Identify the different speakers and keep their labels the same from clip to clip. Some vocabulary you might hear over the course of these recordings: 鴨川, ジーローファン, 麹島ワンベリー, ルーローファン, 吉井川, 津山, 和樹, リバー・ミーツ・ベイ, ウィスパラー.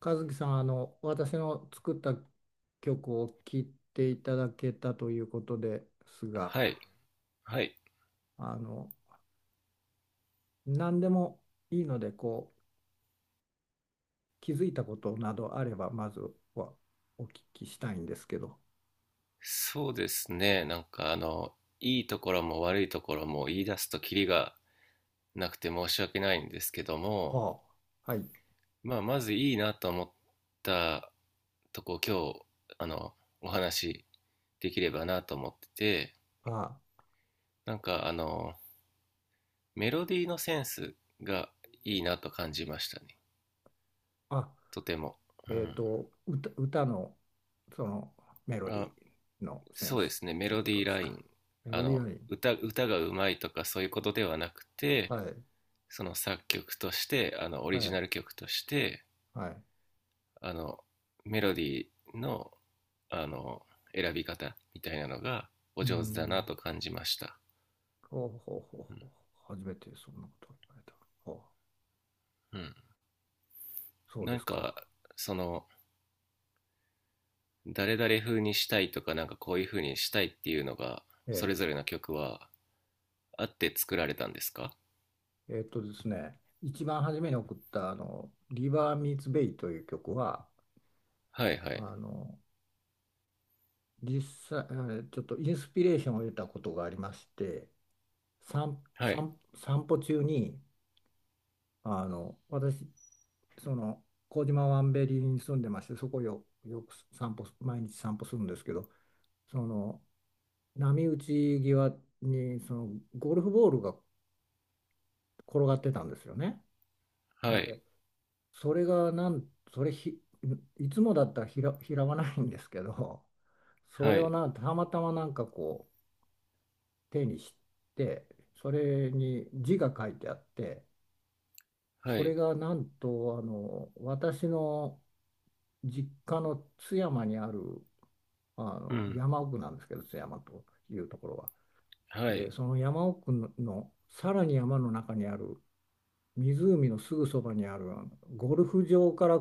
Speaker 1: 和樹さん、私の作った曲を聴いていただけたということですが、
Speaker 2: はい、はい。
Speaker 1: あの、何でもいいので、気づいたことなどあれば、まずはお聞きしたいんですけど。
Speaker 2: そうですね。いいところも悪いところも言い出すとキリがなくて申し訳ないんですけども、
Speaker 1: はあ、はい。
Speaker 2: まあ、まずいいなと思ったとこ、今日、あの、お話できればなと思ってて、
Speaker 1: は
Speaker 2: なんかあの、メロディーのセンスがいいなと感じましたね。
Speaker 1: あ、あ、
Speaker 2: とても。
Speaker 1: 歌の、その、メ
Speaker 2: う
Speaker 1: ロデ
Speaker 2: ん。
Speaker 1: ィ
Speaker 2: あ、
Speaker 1: ーのセン
Speaker 2: そうで
Speaker 1: ス
Speaker 2: すね。メ
Speaker 1: という
Speaker 2: ロ
Speaker 1: こ
Speaker 2: デ
Speaker 1: と
Speaker 2: ィー
Speaker 1: です
Speaker 2: ラ
Speaker 1: か。
Speaker 2: イン。
Speaker 1: メロディアライン。
Speaker 2: 歌がうまいとかそういうことではなくて、
Speaker 1: はい、
Speaker 2: その作曲としてオ
Speaker 1: は
Speaker 2: リジ
Speaker 1: い、
Speaker 2: ナル曲として
Speaker 1: はい。
Speaker 2: あのメロディーのあの選び方みたいなのがお
Speaker 1: うー
Speaker 2: 上手だな
Speaker 1: ん、
Speaker 2: と感じました。
Speaker 1: ほうほうほう
Speaker 2: う
Speaker 1: ほ
Speaker 2: ん、
Speaker 1: う。初めてそんなことを言われた。ほう、
Speaker 2: うん。
Speaker 1: そうで
Speaker 2: なん
Speaker 1: すか。
Speaker 2: かその誰々風にしたいとかなんかこういう風にしたいっていうのがそ
Speaker 1: え
Speaker 2: れぞれの曲はあって作られたんですか？
Speaker 1: え、ですね、一番初めに送ったあの「リバー・ミーツ・ベイ」という曲は、
Speaker 2: はい、は
Speaker 1: あ
Speaker 2: い、
Speaker 1: の実際、ちょっとインスピレーションを得たことがありまして、
Speaker 2: はい、
Speaker 1: 散歩中に私、その麹島ワンベリーに住んでまして、そこをよく散歩、毎日散歩するんですけど、その波打ち際にゴルフボールが転がってたんですよね。
Speaker 2: は
Speaker 1: で、
Speaker 2: い、
Speaker 1: それがなん、それひ、いつもだったら拾わないんですけど、そ
Speaker 2: は
Speaker 1: れを
Speaker 2: い、
Speaker 1: たまたまなんかこう手にして、それに字が書いてあって、
Speaker 2: は
Speaker 1: それ
Speaker 2: い、
Speaker 1: がなんと私の実家の津山にある、
Speaker 2: うん、
Speaker 1: 山奥なんですけど、津山というところは。
Speaker 2: はい、
Speaker 1: で、その山奥のさらに山の中にある湖のすぐそばにある、ゴルフ場から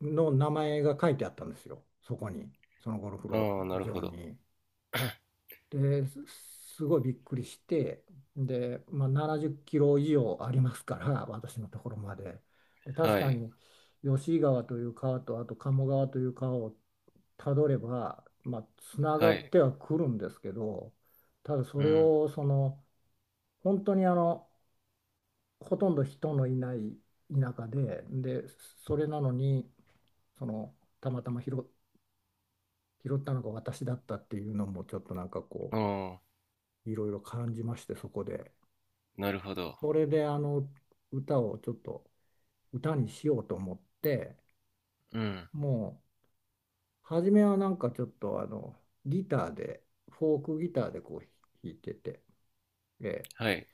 Speaker 1: の名前が書いてあったんですよ、そこに、そのゴルフ
Speaker 2: ああ、なるほ
Speaker 1: 場
Speaker 2: ど、
Speaker 1: に。で、すごいびっくりして、で、まあ、70キロ以上ありますから、私のところまで。で、確
Speaker 2: は
Speaker 1: か
Speaker 2: い、
Speaker 1: に吉井川という川と、あと鴨川という川をたどれば、まあ、つなが
Speaker 2: は
Speaker 1: っ
Speaker 2: い、
Speaker 1: てはくるんですけど、ただそ
Speaker 2: う
Speaker 1: れ
Speaker 2: ん、
Speaker 1: を本当に、ほとんど人のいない田舎で、で、それなのに、その、たまたま拾ったのが私だったっていうのも、ちょっとなんかこ
Speaker 2: ああ、
Speaker 1: う、いろいろ感じまして、そこで。
Speaker 2: なるほど、
Speaker 1: それで、歌をちょっと、歌にしようと思って、
Speaker 2: うん、
Speaker 1: もう、初めはなんかちょっと、ギターで、フォークギターでこう、弾いてて、え
Speaker 2: はい。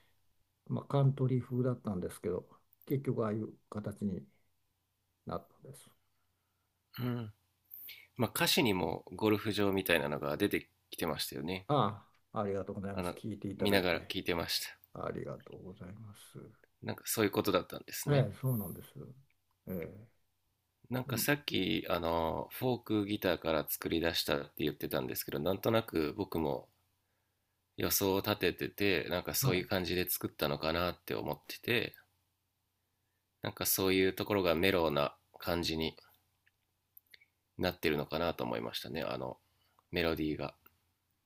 Speaker 1: まあ、カントリー風だったんですけど、結局、ああいう形になったんです。
Speaker 2: うん。まあ、歌詞にもゴルフ場みたいなのが出てきてましたよね。
Speaker 1: ああ、ありがとうござい
Speaker 2: あ
Speaker 1: ます。
Speaker 2: の、
Speaker 1: 聞いていた
Speaker 2: 見
Speaker 1: だ
Speaker 2: な
Speaker 1: い
Speaker 2: がら
Speaker 1: て。
Speaker 2: 聞いてました。
Speaker 1: ありがとうございます。
Speaker 2: なんかそういうことだったんです
Speaker 1: ええ、
Speaker 2: ね。
Speaker 1: そうなんです。ええ、
Speaker 2: なん
Speaker 1: で
Speaker 2: か
Speaker 1: も、
Speaker 2: さっき、フォークギターから作り出したって言ってたんですけど、なんとなく僕も予想を立ててて、なんか
Speaker 1: は
Speaker 2: そういう
Speaker 1: い。
Speaker 2: 感じで作ったのかなって思ってて、なんかそういうところがメロウな感じになってるのかなと思いましたね、メロディーが。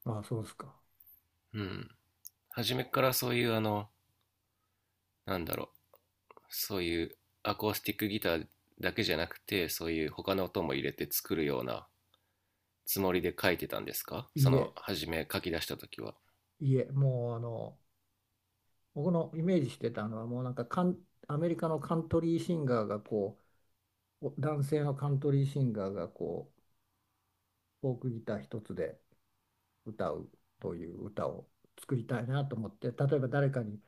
Speaker 1: ああ、そうですか。
Speaker 2: うん。初めからそういうなんだろう、そういうアコースティックギターだけじゃなくてそういう他の音も入れて作るようなつもりで書いてたんですか？そ
Speaker 1: い
Speaker 2: の
Speaker 1: え、
Speaker 2: 初め書き出した時は。
Speaker 1: いえ、もう僕のイメージしてたのは、もうなんかアメリカのカントリーシンガーがこう、男性のカントリーシンガーがこう、フォークギター一つで歌うという歌を作りたいなと思って、例えば誰かに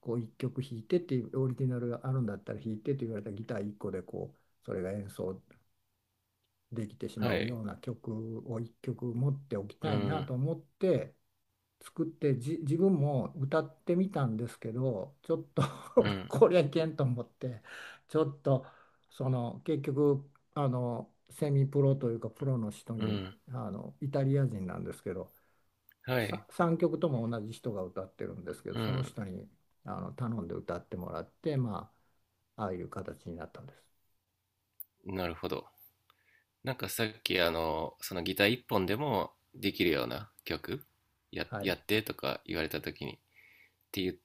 Speaker 1: こう一曲弾いてっていう、オリジナルがあるんだったら弾いてって言われたらギター一個でこう、それが演奏できてしま
Speaker 2: は
Speaker 1: う
Speaker 2: い、
Speaker 1: ような曲を一曲持っておき
Speaker 2: う
Speaker 1: たいな
Speaker 2: ん、
Speaker 1: と思って作って、自分も歌ってみたんですけどちょっと
Speaker 2: う ん、
Speaker 1: これいけんと思って、ちょっと結局、セミプロというかプロの人
Speaker 2: う
Speaker 1: に、
Speaker 2: ん、
Speaker 1: イタリア人なんですけど
Speaker 2: はい、
Speaker 1: さ、3曲とも同じ人が歌ってるんですけど、
Speaker 2: う
Speaker 1: その
Speaker 2: ん、
Speaker 1: 人に頼んで歌ってもらって、まあ、ああいう形になったんです。
Speaker 2: なるほど。なんかさっきそのギター一本でもできるような曲
Speaker 1: はい、
Speaker 2: やってとか言われた時にって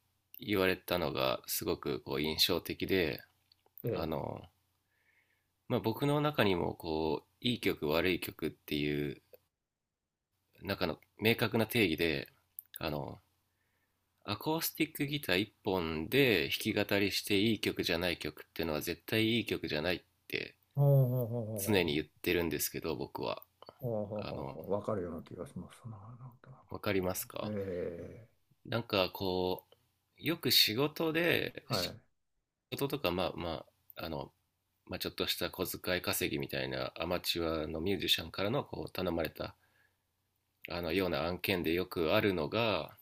Speaker 2: 言われたのがすごくこう印象的で、あ
Speaker 1: で、
Speaker 2: の、まあ、僕の中にもこういい曲悪い曲っていう中の明確な定義で、あの、アコースティックギター1本で弾き語りしていい曲じゃない曲っていうのは絶対いい曲じゃないって
Speaker 1: ほうほうほう
Speaker 2: 常に
Speaker 1: ほ、
Speaker 2: 言ってるんですけど、僕は。
Speaker 1: ああ、
Speaker 2: あの、
Speaker 1: わかるような気がしますな。なんか、
Speaker 2: わかりますか？
Speaker 1: ええ、
Speaker 2: なんかこう、よく
Speaker 1: はい、
Speaker 2: 仕事とか、まあまあ、まあ、ちょっとした小遣い稼ぎみたいなアマチュアのミュージシャンからのこう頼まれたあのような案件でよくあるのが、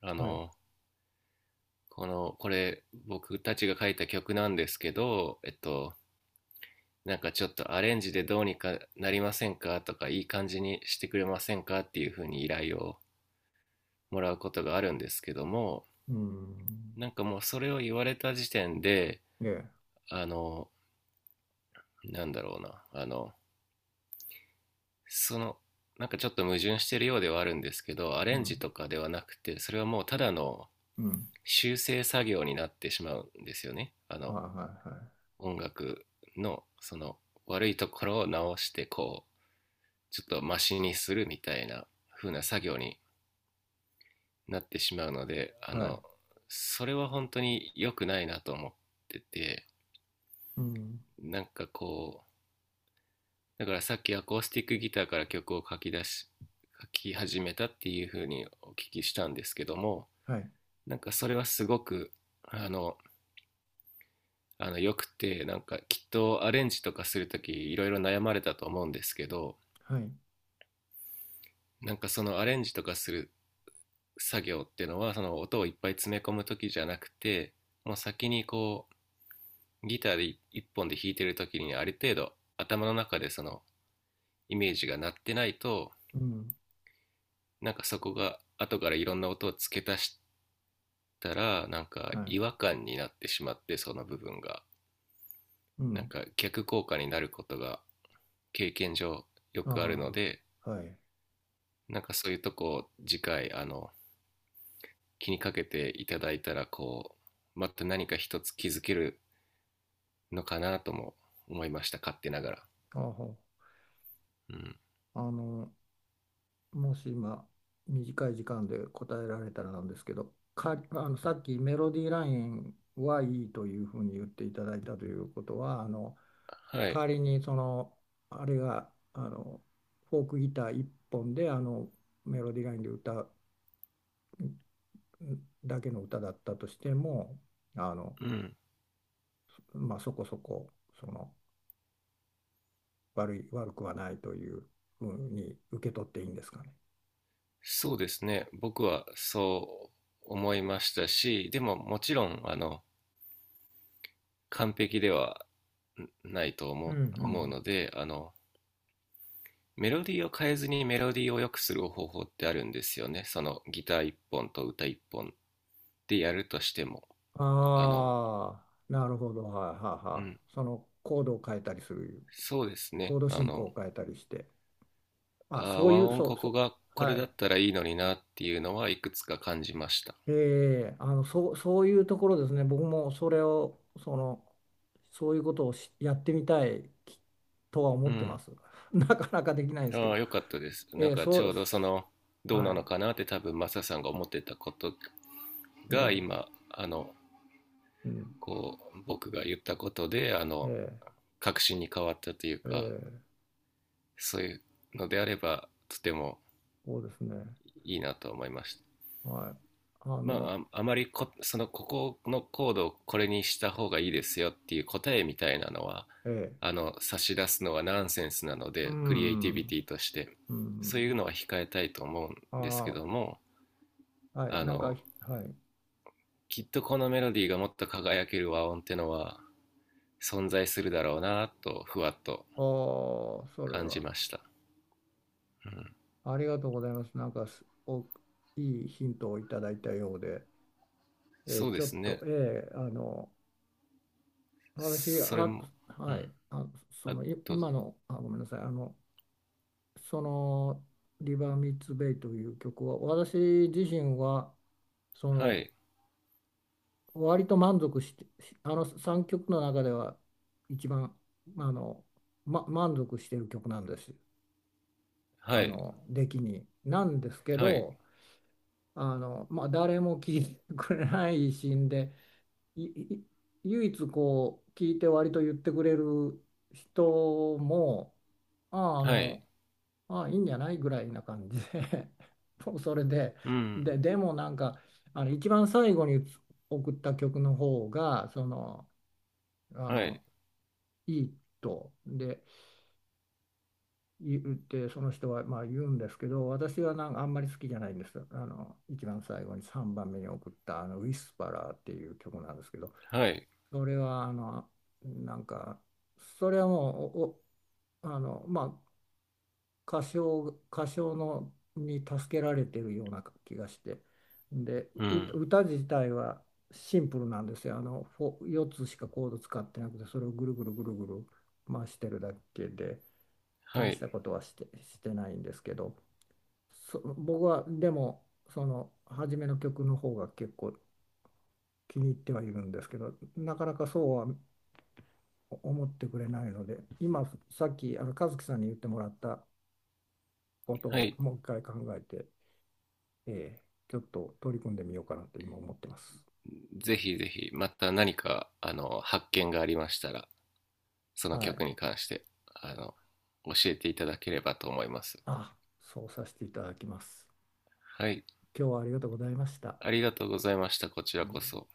Speaker 2: あ
Speaker 1: はい、
Speaker 2: のこれ僕たちが書いた曲なんですけど、なんかちょっとアレンジでどうにかなりませんかとか、いい感じにしてくれませんかっていうふうに依頼をもらうことがあるんですけども、
Speaker 1: うん、
Speaker 2: なんかもうそれを言われた時点で、
Speaker 1: ええ、
Speaker 2: あの、なんだろうな、その、なんかちょっと矛盾してるようではあるんですけど、ア
Speaker 1: う
Speaker 2: レンジ
Speaker 1: ん、
Speaker 2: とかではなくて、それはもうただの
Speaker 1: うん、
Speaker 2: 修正作業になってしまうんですよね。
Speaker 1: はいは
Speaker 2: 音楽のその悪いところを直してこうちょっとマシにするみたいな風な作業になってしまうので、
Speaker 1: いはい、はい、
Speaker 2: それは本当に良くないなと思ってて、
Speaker 1: うん、
Speaker 2: なんかこうだから、さっきアコースティックギターから曲を書き始めたっていう風にお聞きしたんですけども、
Speaker 1: はい、
Speaker 2: なんかそれはすごくあのよくて、なんかきっとアレンジとかするときいろいろ悩まれたと思うんですけど、
Speaker 1: はい、
Speaker 2: なんかそのアレンジとかする作業っていうのはその音をいっぱい詰め込む時じゃなくて、もう先にこうギターで一本で弾いてる時にある程度頭の中でそのイメージが鳴ってないと、
Speaker 1: うん、
Speaker 2: なんかそこが後からいろんな音を付け足したらなんか
Speaker 1: はい、
Speaker 2: 違和感になってしまって、その部分が
Speaker 1: う
Speaker 2: なん
Speaker 1: ん、
Speaker 2: か逆効果になることが経験上よくあるの
Speaker 1: あ
Speaker 2: で、
Speaker 1: あ、はい、
Speaker 2: なんかそういうとこを次回気にかけていただいたら、こうまた何か一つ気づけるのかなとも思いました、勝手ながら。
Speaker 1: ああ、
Speaker 2: うん、
Speaker 1: あの、もし今、短い時間で答えられたらなんですけど、さっきメロディーラインはいいというふうに言っていただいたということは、
Speaker 2: は
Speaker 1: 代
Speaker 2: い、
Speaker 1: わりにそのあれが、フォークギター1本で、メロディーラインで歌うだけの歌だったとしても、あの、
Speaker 2: うん、
Speaker 1: まあ、そこそこ、その悪くはないというふうに受け取っていいんですかね。
Speaker 2: そうですね、僕はそう思いましたし、でももちろん完璧ではないと
Speaker 1: う
Speaker 2: 思
Speaker 1: ん、う
Speaker 2: う思う
Speaker 1: ん、
Speaker 2: ので、メロディーを変えずにメロディーを良くする方法ってあるんですよね、そのギター1本と歌1本でやるとしても。あの
Speaker 1: ああ、なるほど、はい、はい、
Speaker 2: う
Speaker 1: は
Speaker 2: ん、
Speaker 1: い、
Speaker 2: そうです
Speaker 1: コー
Speaker 2: ね。
Speaker 1: ド進行を変えたりして、あ、そうい
Speaker 2: 和
Speaker 1: う、
Speaker 2: 音、
Speaker 1: そ
Speaker 2: こ
Speaker 1: う、そ
Speaker 2: こ
Speaker 1: う、
Speaker 2: がこれ
Speaker 1: は
Speaker 2: だっ
Speaker 1: い。
Speaker 2: たらいいのになっていうのはいくつか感じました。
Speaker 1: ええ、そう、そういうところですね。僕もそれを、そういうことをやってみたいとは
Speaker 2: う
Speaker 1: 思ってま
Speaker 2: ん。
Speaker 1: す。なかなかできないですけ
Speaker 2: あ
Speaker 1: ど。
Speaker 2: あ、よかったです。
Speaker 1: え
Speaker 2: なん
Speaker 1: え、
Speaker 2: かち
Speaker 1: そ
Speaker 2: ょ
Speaker 1: う、
Speaker 2: うどその、どう
Speaker 1: は
Speaker 2: なの
Speaker 1: い。
Speaker 2: かなって多分マサさんが思ってたこと
Speaker 1: え
Speaker 2: が
Speaker 1: え、
Speaker 2: 今、
Speaker 1: うん。
Speaker 2: こう、僕が言ったことで、
Speaker 1: ええ、
Speaker 2: 確信に変わったという
Speaker 1: え
Speaker 2: か、
Speaker 1: え、
Speaker 2: そういうのであれば、とても
Speaker 1: そうですね。
Speaker 2: いいなと思いました。
Speaker 1: はい。あ
Speaker 2: ま
Speaker 1: の、
Speaker 2: あ、ああまりこ、その、ここのコードをこれにした方がいいですよっていう答えみたいなのは、
Speaker 1: ええ、
Speaker 2: 差し出すのはナンセンスなの
Speaker 1: う
Speaker 2: で、クリエイ
Speaker 1: ん、
Speaker 2: テ
Speaker 1: う
Speaker 2: ィビ
Speaker 1: ん、
Speaker 2: ティとして、
Speaker 1: う
Speaker 2: そういう
Speaker 1: ん。
Speaker 2: のは控えたいと思うんです
Speaker 1: あ
Speaker 2: けども、
Speaker 1: あ、はい。
Speaker 2: あ
Speaker 1: なんか、
Speaker 2: の、
Speaker 1: はい。
Speaker 2: きっとこのメロディーがもっと輝ける和音ってのは存在するだろうなと、ふわっと
Speaker 1: ああ、それ
Speaker 2: 感じ
Speaker 1: は。
Speaker 2: ました。うん。
Speaker 1: ありがとうございます。なんか、いいヒントをいただいたようで。え
Speaker 2: そ
Speaker 1: ー
Speaker 2: うで
Speaker 1: ちょっ
Speaker 2: す
Speaker 1: と、
Speaker 2: ね。
Speaker 1: 私、
Speaker 2: それ
Speaker 1: あ、
Speaker 2: も、う
Speaker 1: は
Speaker 2: ん。
Speaker 1: い、あ、
Speaker 2: あ、どうぞ。
Speaker 1: 今の、あ、ごめんなさい、その、リバー・ミーツ・ベイという曲は、私自身は、そ
Speaker 2: は
Speaker 1: の、
Speaker 2: い、
Speaker 1: 割と満足して、あの3曲の中では、一番、あの、満足している曲なんです。
Speaker 2: は
Speaker 1: あ
Speaker 2: い、
Speaker 1: の、出来に。なんですけ
Speaker 2: はい、
Speaker 1: ど、まあ、誰も聴いてくれないしんで、いい唯一こう聞いて割と言ってくれる人も、あああ
Speaker 2: はい、
Speaker 1: のああいいんじゃないぐらいな感じで もうそれで、
Speaker 2: うん、
Speaker 1: でもなんか、一番最後に送った曲の方がその、あ
Speaker 2: はい、
Speaker 1: のいいとで言って、その人はまあ言うんですけど、私はなんかあんまり好きじゃないんです。あの一番最後に3番目に送ったあの「ウィスパラー」っていう曲なんですけど。
Speaker 2: はい。
Speaker 1: それはなんか、それはもう、まあ、歌唱歌唱のに助けられてるような気がして、
Speaker 2: うん。
Speaker 1: 歌自体はシンプルなんですよ。4つしかコード使ってなくて、それをぐるぐるぐるぐる回してるだけで、
Speaker 2: は
Speaker 1: 大し
Speaker 2: い。
Speaker 1: たことはして、ないんですけど、僕はでも、その初めの曲の方が結構気に入ってはいるんですけど、なかなかそうは思ってくれないので、今、さっき和樹さんに言ってもらったこと
Speaker 2: は
Speaker 1: を
Speaker 2: い。
Speaker 1: もう一回考えて、えーちょっと取り組んでみようかなと今思ってます。
Speaker 2: ぜひぜひ、また何か、発見がありましたら、その
Speaker 1: は
Speaker 2: 曲
Speaker 1: い。
Speaker 2: に関して、あの、教えていただければと思います。
Speaker 1: あ、そうさせていただきます。
Speaker 2: はい。
Speaker 1: 今日はありがとうございました。
Speaker 2: ありがとうございました。こち
Speaker 1: は
Speaker 2: らこそ。
Speaker 1: い